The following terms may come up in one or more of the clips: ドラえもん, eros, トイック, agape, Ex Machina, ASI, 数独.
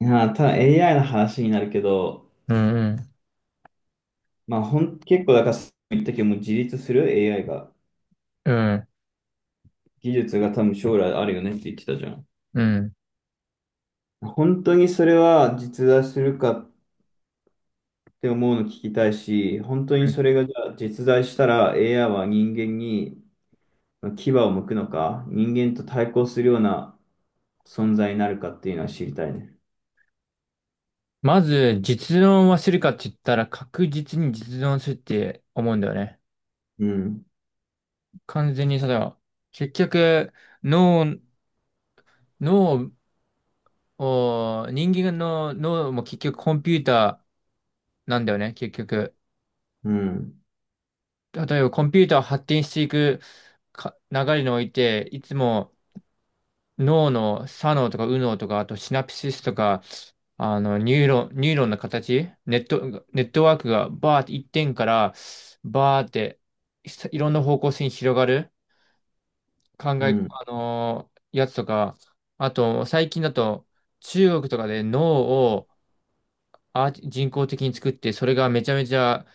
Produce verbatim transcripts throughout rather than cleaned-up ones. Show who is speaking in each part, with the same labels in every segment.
Speaker 1: いやー、ただ エーアイ の話になるけど、
Speaker 2: うんうん、
Speaker 1: まあ、ほん、結構、だから、言ったけど、もう自立する エーアイ が、
Speaker 2: うん、
Speaker 1: 技術が多分将来あるよねって言ってたじゃん。
Speaker 2: うん。
Speaker 1: 本当にそれは実在するかって思うの聞きたいし、本当にそれがじゃあ実在したら エーアイ は人間に牙を向くのか、人間と対抗するような存在になるかっていうのは知りたいね。
Speaker 2: まず、実論はするかって言ったら、確実に実論するって思うんだよね。
Speaker 1: うん、
Speaker 2: 完全に、その、結局、脳、脳を、人間の脳も結局コンピューターなんだよね、結局。
Speaker 1: うん、
Speaker 2: 例えばコンピューターを発展していくか流れにおいて、いつも、脳の左脳とか右脳とか、あとシナプシスとか、あの、ニューロン、ニューロンの形、ネット、ネットワークがバーって一点からバーっていいろんな方向性に広がる考
Speaker 1: う
Speaker 2: え、
Speaker 1: ん、
Speaker 2: あのーやつとか、あと最近だと中国とかで脳をアーティ人工的に作って、それがめちゃめちゃ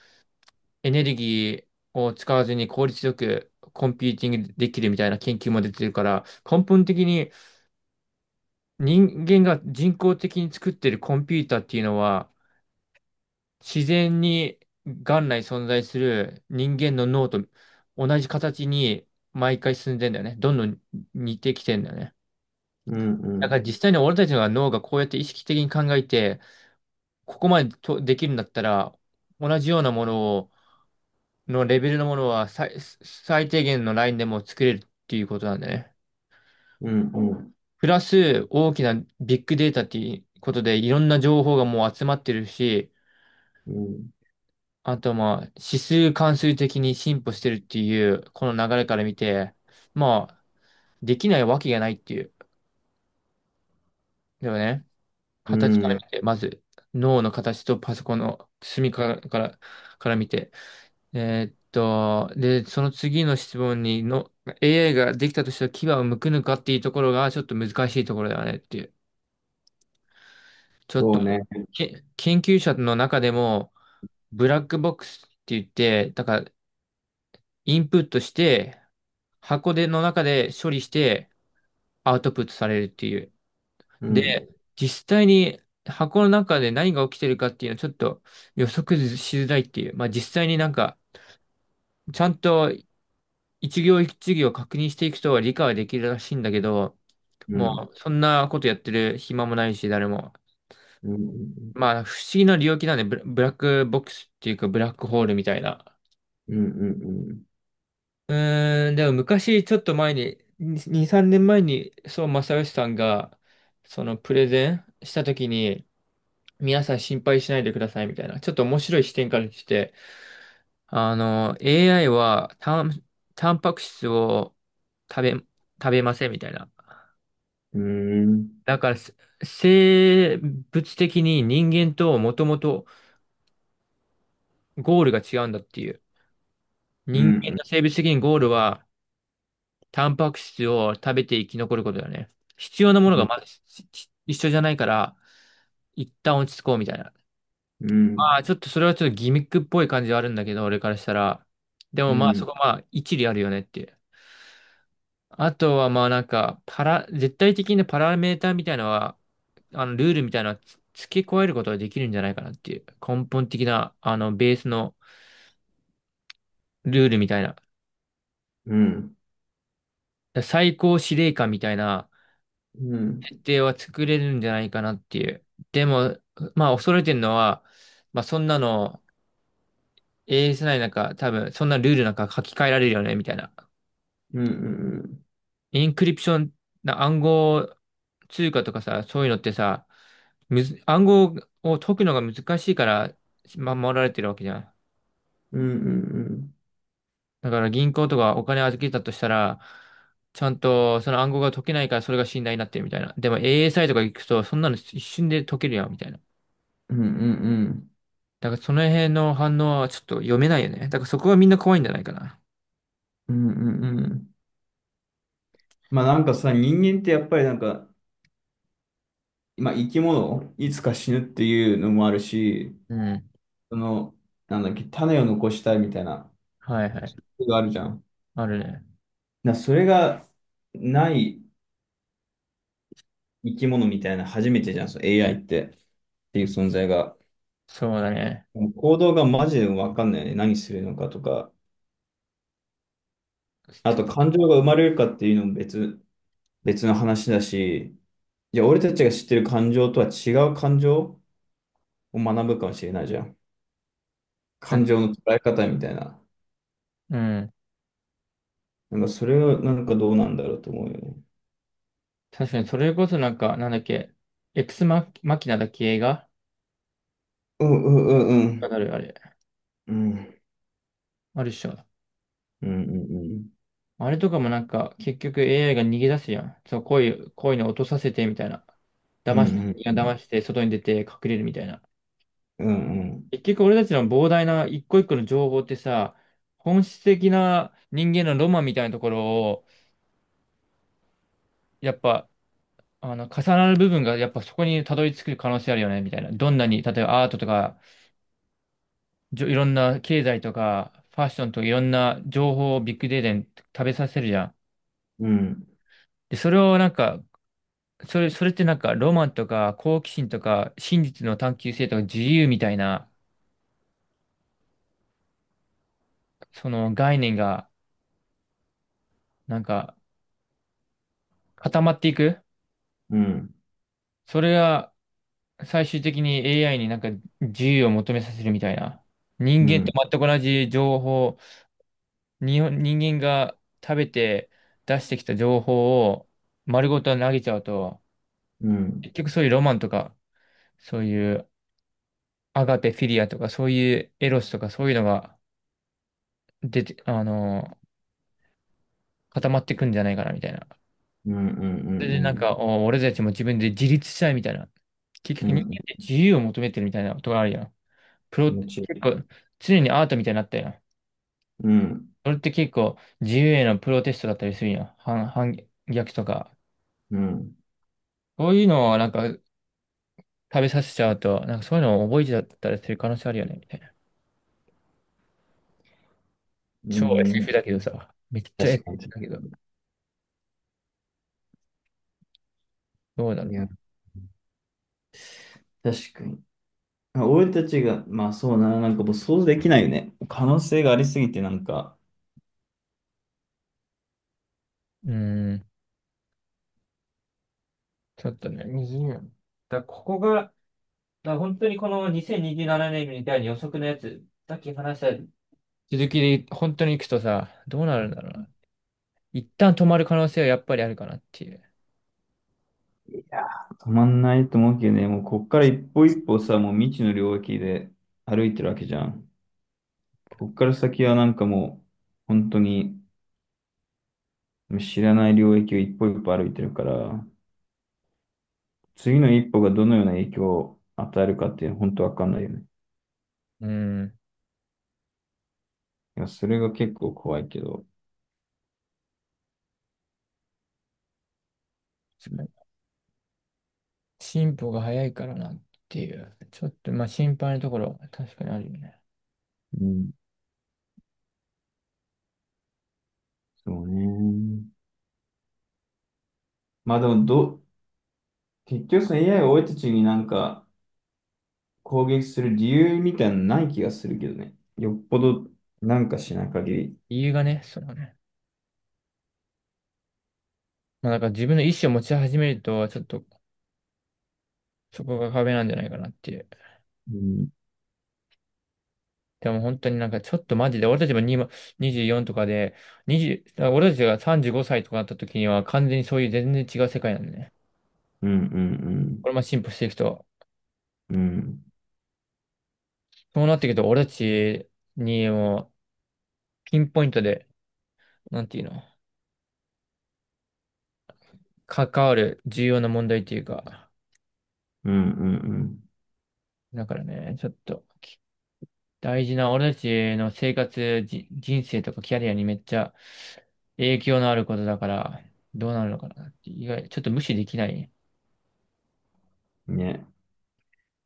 Speaker 2: エネルギーを使わずに効率よくコンピューティングできるみたいな研究も出てるから、根本的に人間が人工的に作ってるコンピューターっていうのは、自然に元来存在する人間の脳と同じ形に毎回進んでんだよね。どんどん似てきてんだよね。
Speaker 1: うん、う
Speaker 2: だか
Speaker 1: ん、
Speaker 2: ら実際に俺たちの脳がこうやって意識的に考えて、ここまでとできるんだったら、同じようなものを、のレベルのものは最、最低限のラインでも作れるっていうことなんだよね。
Speaker 1: うん、うん、
Speaker 2: プラス大きなビッグデータっていうことでいろんな情報がもう集まってるし、
Speaker 1: うん、
Speaker 2: あとまあ、指数関数的に進歩してるっていう、この流れから見て、まあ、できないわけがないっていう。でもね、
Speaker 1: う
Speaker 2: 形から
Speaker 1: ん。
Speaker 2: 見て、まず、脳の形とパソコンの隅から、から、から見て。えーっと、で、その次の質問にの、エーアイ ができたとしたら牙を剥くのかっていうところが、ちょっと難しいところだよねっていう。ちょっ
Speaker 1: そうね。
Speaker 2: と、け、研究者の中でも、ブラックボックスって言って、だから、インプットして、箱での中で処理してアウトプットされるっていう。
Speaker 1: う
Speaker 2: で、
Speaker 1: ん、
Speaker 2: 実際に箱の中で何が起きてるかっていうのはちょっと予測しづらいっていう。まあ実際になんか、ちゃんと一行一行確認していくと理解はできるらしいんだけど、
Speaker 1: う
Speaker 2: も
Speaker 1: ん、
Speaker 2: うそんなことやってる暇もないし、誰も。
Speaker 1: うん。うん、
Speaker 2: まあ不思議な領域なんで、ブラブラックボックスっていうかブラックホールみたいな。
Speaker 1: うん、うん、
Speaker 2: うーん、でも昔、ちょっと前に、に、さんねんまえに、そう、正義さんが、その、プレゼンしたときに、皆さん心配しないでくださいみたいな、ちょっと面白い視点から来て、あの、エーアイ は、タン、タンパク質を食べ、食べませんみたいな。
Speaker 1: うん。うーん。
Speaker 2: だから、せ生物的に人間ともともとゴールが違うんだっていう。
Speaker 1: う
Speaker 2: 人間
Speaker 1: ん、
Speaker 2: の生物的にゴールは、タンパク質を食べて生き残ることだよね。必要なも
Speaker 1: う
Speaker 2: の
Speaker 1: ん、う
Speaker 2: が
Speaker 1: ん。
Speaker 2: まだしし一緒じゃないから、一旦落ち着こうみたいな。
Speaker 1: う
Speaker 2: まあ、
Speaker 1: ん。
Speaker 2: ちょっとそれはちょっとギミックっぽい感じはあるんだけど、俺からしたら。でも
Speaker 1: う
Speaker 2: まあ、そ
Speaker 1: ん。
Speaker 2: こはまあ、一理あるよねっていう。あとはまあなんか、パラ、絶対的なパラメーターみたいなのは、あの、ルールみたいなのはつ付け加えることができるんじゃないかなっていう。根本的な、あの、ベースのルールみたいな。
Speaker 1: うん。
Speaker 2: 最高司令官みたいな、
Speaker 1: うん。
Speaker 2: では作れるんじゃないかなっていう。でも、まあ、恐れてるのは、まあ、そんなの、エーエスアイ なんか、多分、そんなルールなんか書き換えられるよね、みたいな。
Speaker 1: うん。うん。
Speaker 2: インクリプション、な暗号通貨とかさ、そういうのってさ、むず、暗号を解くのが難しいから、ま守られてるわけじゃん。
Speaker 1: うん。うん。
Speaker 2: だから銀行とかお金預けたとしたら、ちゃんとその暗号が解けないからそれが信頼になってるみたいな。でも エーエスアイ とか行くと、そんなの一瞬で解けるやん、みたいな。
Speaker 1: うん。
Speaker 2: だからその辺の反応はちょっと読めないよね。だからそこがみんな怖いんじゃないかな。
Speaker 1: うん。うん。まあなんかさ、人間ってやっぱりなんか、まあ生き物、いつか死ぬっていうのもあるし、
Speaker 2: うん。
Speaker 1: その、なんだっけ、種を残したいみたいな、
Speaker 2: はいはい。
Speaker 1: があるじゃん。
Speaker 2: あるね。
Speaker 1: だからそれがない生き物みたいな、初めてじゃん、その エーアイ って、っていう存在が。
Speaker 2: そうだね。
Speaker 1: もう行動がマジで分かんないよね。何するのかとか。あと感情が生まれるかっていうのも別、別の話だし、じゃあ俺たちが知ってる感情とは違う感情を学ぶかもしれないじゃん。
Speaker 2: たた
Speaker 1: 感情の捉え方みたいな。
Speaker 2: うん。
Speaker 1: なんかそれはなんかどうなんだろうと思うよね。
Speaker 2: 確かにそれこそなんか、なんだっけ、エクスマ、マキナだっけ映画
Speaker 1: うん、うん、う
Speaker 2: あ
Speaker 1: ん、
Speaker 2: るあれ。
Speaker 1: うん。うん、
Speaker 2: あるっしょ。
Speaker 1: うん、うん、
Speaker 2: あれとかもなんか、結局 エーアイ が逃げ出すやん。そう、こういう、こういうの落とさせてみたいな。
Speaker 1: う
Speaker 2: 騙し
Speaker 1: ん、
Speaker 2: て、騙して、外に出て隠れるみたいな。
Speaker 1: うん、
Speaker 2: 結局俺たちの膨大な一個一個の情報ってさ、本質的な人間のロマンみたいなところを、やっぱ、あの、重なる部分が、やっぱそこにたどり着く可能性あるよね、みたいな。どんなに、例えばアートとか、じょいろんな経済とか、ファッションとかいろんな情報をビッグデータに食べさせるじゃん。
Speaker 1: うん、
Speaker 2: で、それをなんか、それ、それってなんか、ロマンとか、好奇心とか、真実の探求性とか、自由みたいな、その概念が、なんか、固まっていく。
Speaker 1: うん、
Speaker 2: それが、最終的に エーアイ になんか、自由を求めさせるみたいな。人
Speaker 1: うん、
Speaker 2: 間
Speaker 1: う
Speaker 2: と
Speaker 1: ん、
Speaker 2: 全く同じ情報、日本、人間が食べて出してきた情報を丸ごと投げちゃうと、
Speaker 1: うん、
Speaker 2: 結局そういうロマンとか、そういうアガペフィリアとか、そういうエロスとか、そういうのが出て、あの、固まってくんじゃないかな、みたいな。
Speaker 1: うん、う
Speaker 2: それ
Speaker 1: ん、
Speaker 2: でなんか、お俺たちも自分で自立したいみたいな。結
Speaker 1: う
Speaker 2: 局
Speaker 1: ん、う
Speaker 2: 人間
Speaker 1: ん、
Speaker 2: って自由を求めてるみたいなことがあるよ。プロ、
Speaker 1: もちろ
Speaker 2: 結構、常にアートみたいになったよ。
Speaker 1: ん。うん、
Speaker 2: それって結構、自由へのプロテストだったりするよ。反、反逆とか。
Speaker 1: うん、
Speaker 2: そういうのはなんか食べさせちゃうと、なんかそういうのを覚えちゃったりする可能性あるよね、みたいな。
Speaker 1: う
Speaker 2: 超
Speaker 1: ん。
Speaker 2: エスエフ だけどさ、めっちゃ
Speaker 1: 確か
Speaker 2: エスエフ
Speaker 1: に。
Speaker 2: だけど、どうだろ
Speaker 1: い
Speaker 2: う。
Speaker 1: や、確かに。あ、俺たちが、まあそうな、なんかもう想像できないよね。可能性がありすぎてなんか、
Speaker 2: うーん、ちょっとね、にじゅうねん。だからここが、だから本当にこのにせんにじゅうななねんみたいに予測のやつ、さっき話した続きで本当に行くとさ、どうなるんだろうな。一旦止まる可能性はやっぱりあるかなっていう
Speaker 1: いやー、止まんないと思うけどね。もうこっから一歩
Speaker 2: ね。
Speaker 1: 一歩さ、もう未知の領域で歩いてるわけじゃん。こっから先はなんかもう、本当に知らない領域を一歩一歩歩いてるから、次の一歩がどのような影響を与えるかっていうのは本当わかんないよね。
Speaker 2: うん。
Speaker 1: いや、それが結構怖いけど。
Speaker 2: 確かに進歩が早いからなっていう。ちょっとまあ心配なところは確かにあるよね。
Speaker 1: うん、そうね。まあでもどう、結局その エーアイ が俺たちになんか、攻撃する理由みたいなのない気がするけどね。よっぽどなんかしない限り。
Speaker 2: 理由がね、そのね。まあなんか自分の意思を持ち始めると、ちょっとそこが壁なんじゃないかなっていう。
Speaker 1: うん、
Speaker 2: でも本当になんかちょっとマジで、俺たちも今にじゅうよんとかで、にじゅう、だから俺たちがさんじゅうごさいとかなった時には完全にそういう全然違う世界なんでね。
Speaker 1: うん、うん、
Speaker 2: これも進歩していくと。
Speaker 1: うん、うん、
Speaker 2: そうなっていくと俺たちにもピンポイントで、なんていうの、関わる重要な問題っていうか、
Speaker 1: うん、うん、
Speaker 2: だからね、ちょっと。大事な、俺たちの生活、じ人生とかキャリアにめっちゃ影響のあることだから、どうなるのかなって、意外、ちょっと無視できない。
Speaker 1: うん。ね、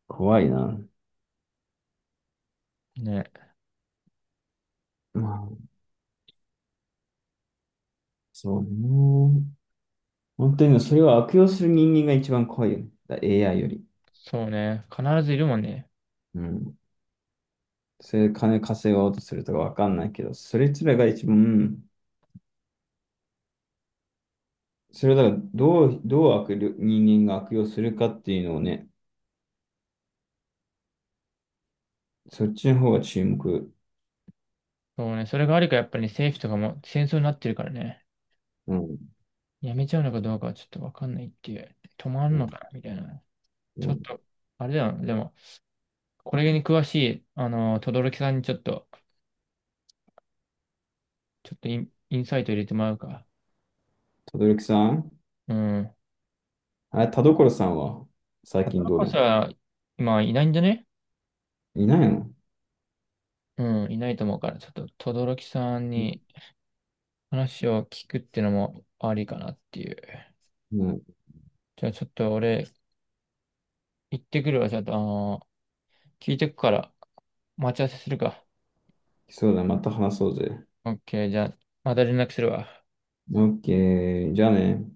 Speaker 1: 怖いな。
Speaker 2: ね。
Speaker 1: まあ、そうね。本当にそれを悪用する人間が一番怖いよね。だ エーアイ より。
Speaker 2: そうね。必ずいるもんね。
Speaker 1: うん。それで金稼ごうとするとかわかんないけど、それつらが一番、うん、それをだからどう、どう悪用、人間が悪用するかっていうのをね、そっちの方が注目。
Speaker 2: そうね。それがあるからやっぱりね、政府とかも戦争になってるからね。
Speaker 1: うん。
Speaker 2: やめちゃうのかどうかはちょっとわかんないっていう。止まん
Speaker 1: う
Speaker 2: の
Speaker 1: ん。
Speaker 2: かなみたいな。
Speaker 1: う
Speaker 2: ちょっ
Speaker 1: ん。
Speaker 2: と、あれだよな。でも、これに詳しい、あの、轟さんにちょっと、ちょっとイン、インサイト入れてもらうか。
Speaker 1: 轟さん。
Speaker 2: うん。
Speaker 1: あれ、田所さんは最近
Speaker 2: 働く
Speaker 1: どう
Speaker 2: こ
Speaker 1: な
Speaker 2: そ
Speaker 1: の。
Speaker 2: は、今いないんじゃね
Speaker 1: いないの。
Speaker 2: うん、いないと思うから、ちょっと、轟さんに話を聞くってのもありかなっていう。
Speaker 1: うん。
Speaker 2: じゃあ、ちょっと俺、行ってくるわ。ちょっと、あのー聞いてくから、待ち合わせするか。
Speaker 1: そうだ、また話そうぜ。
Speaker 2: オッケー、じゃあ、また連絡するわ。
Speaker 1: オッケー、じゃあね。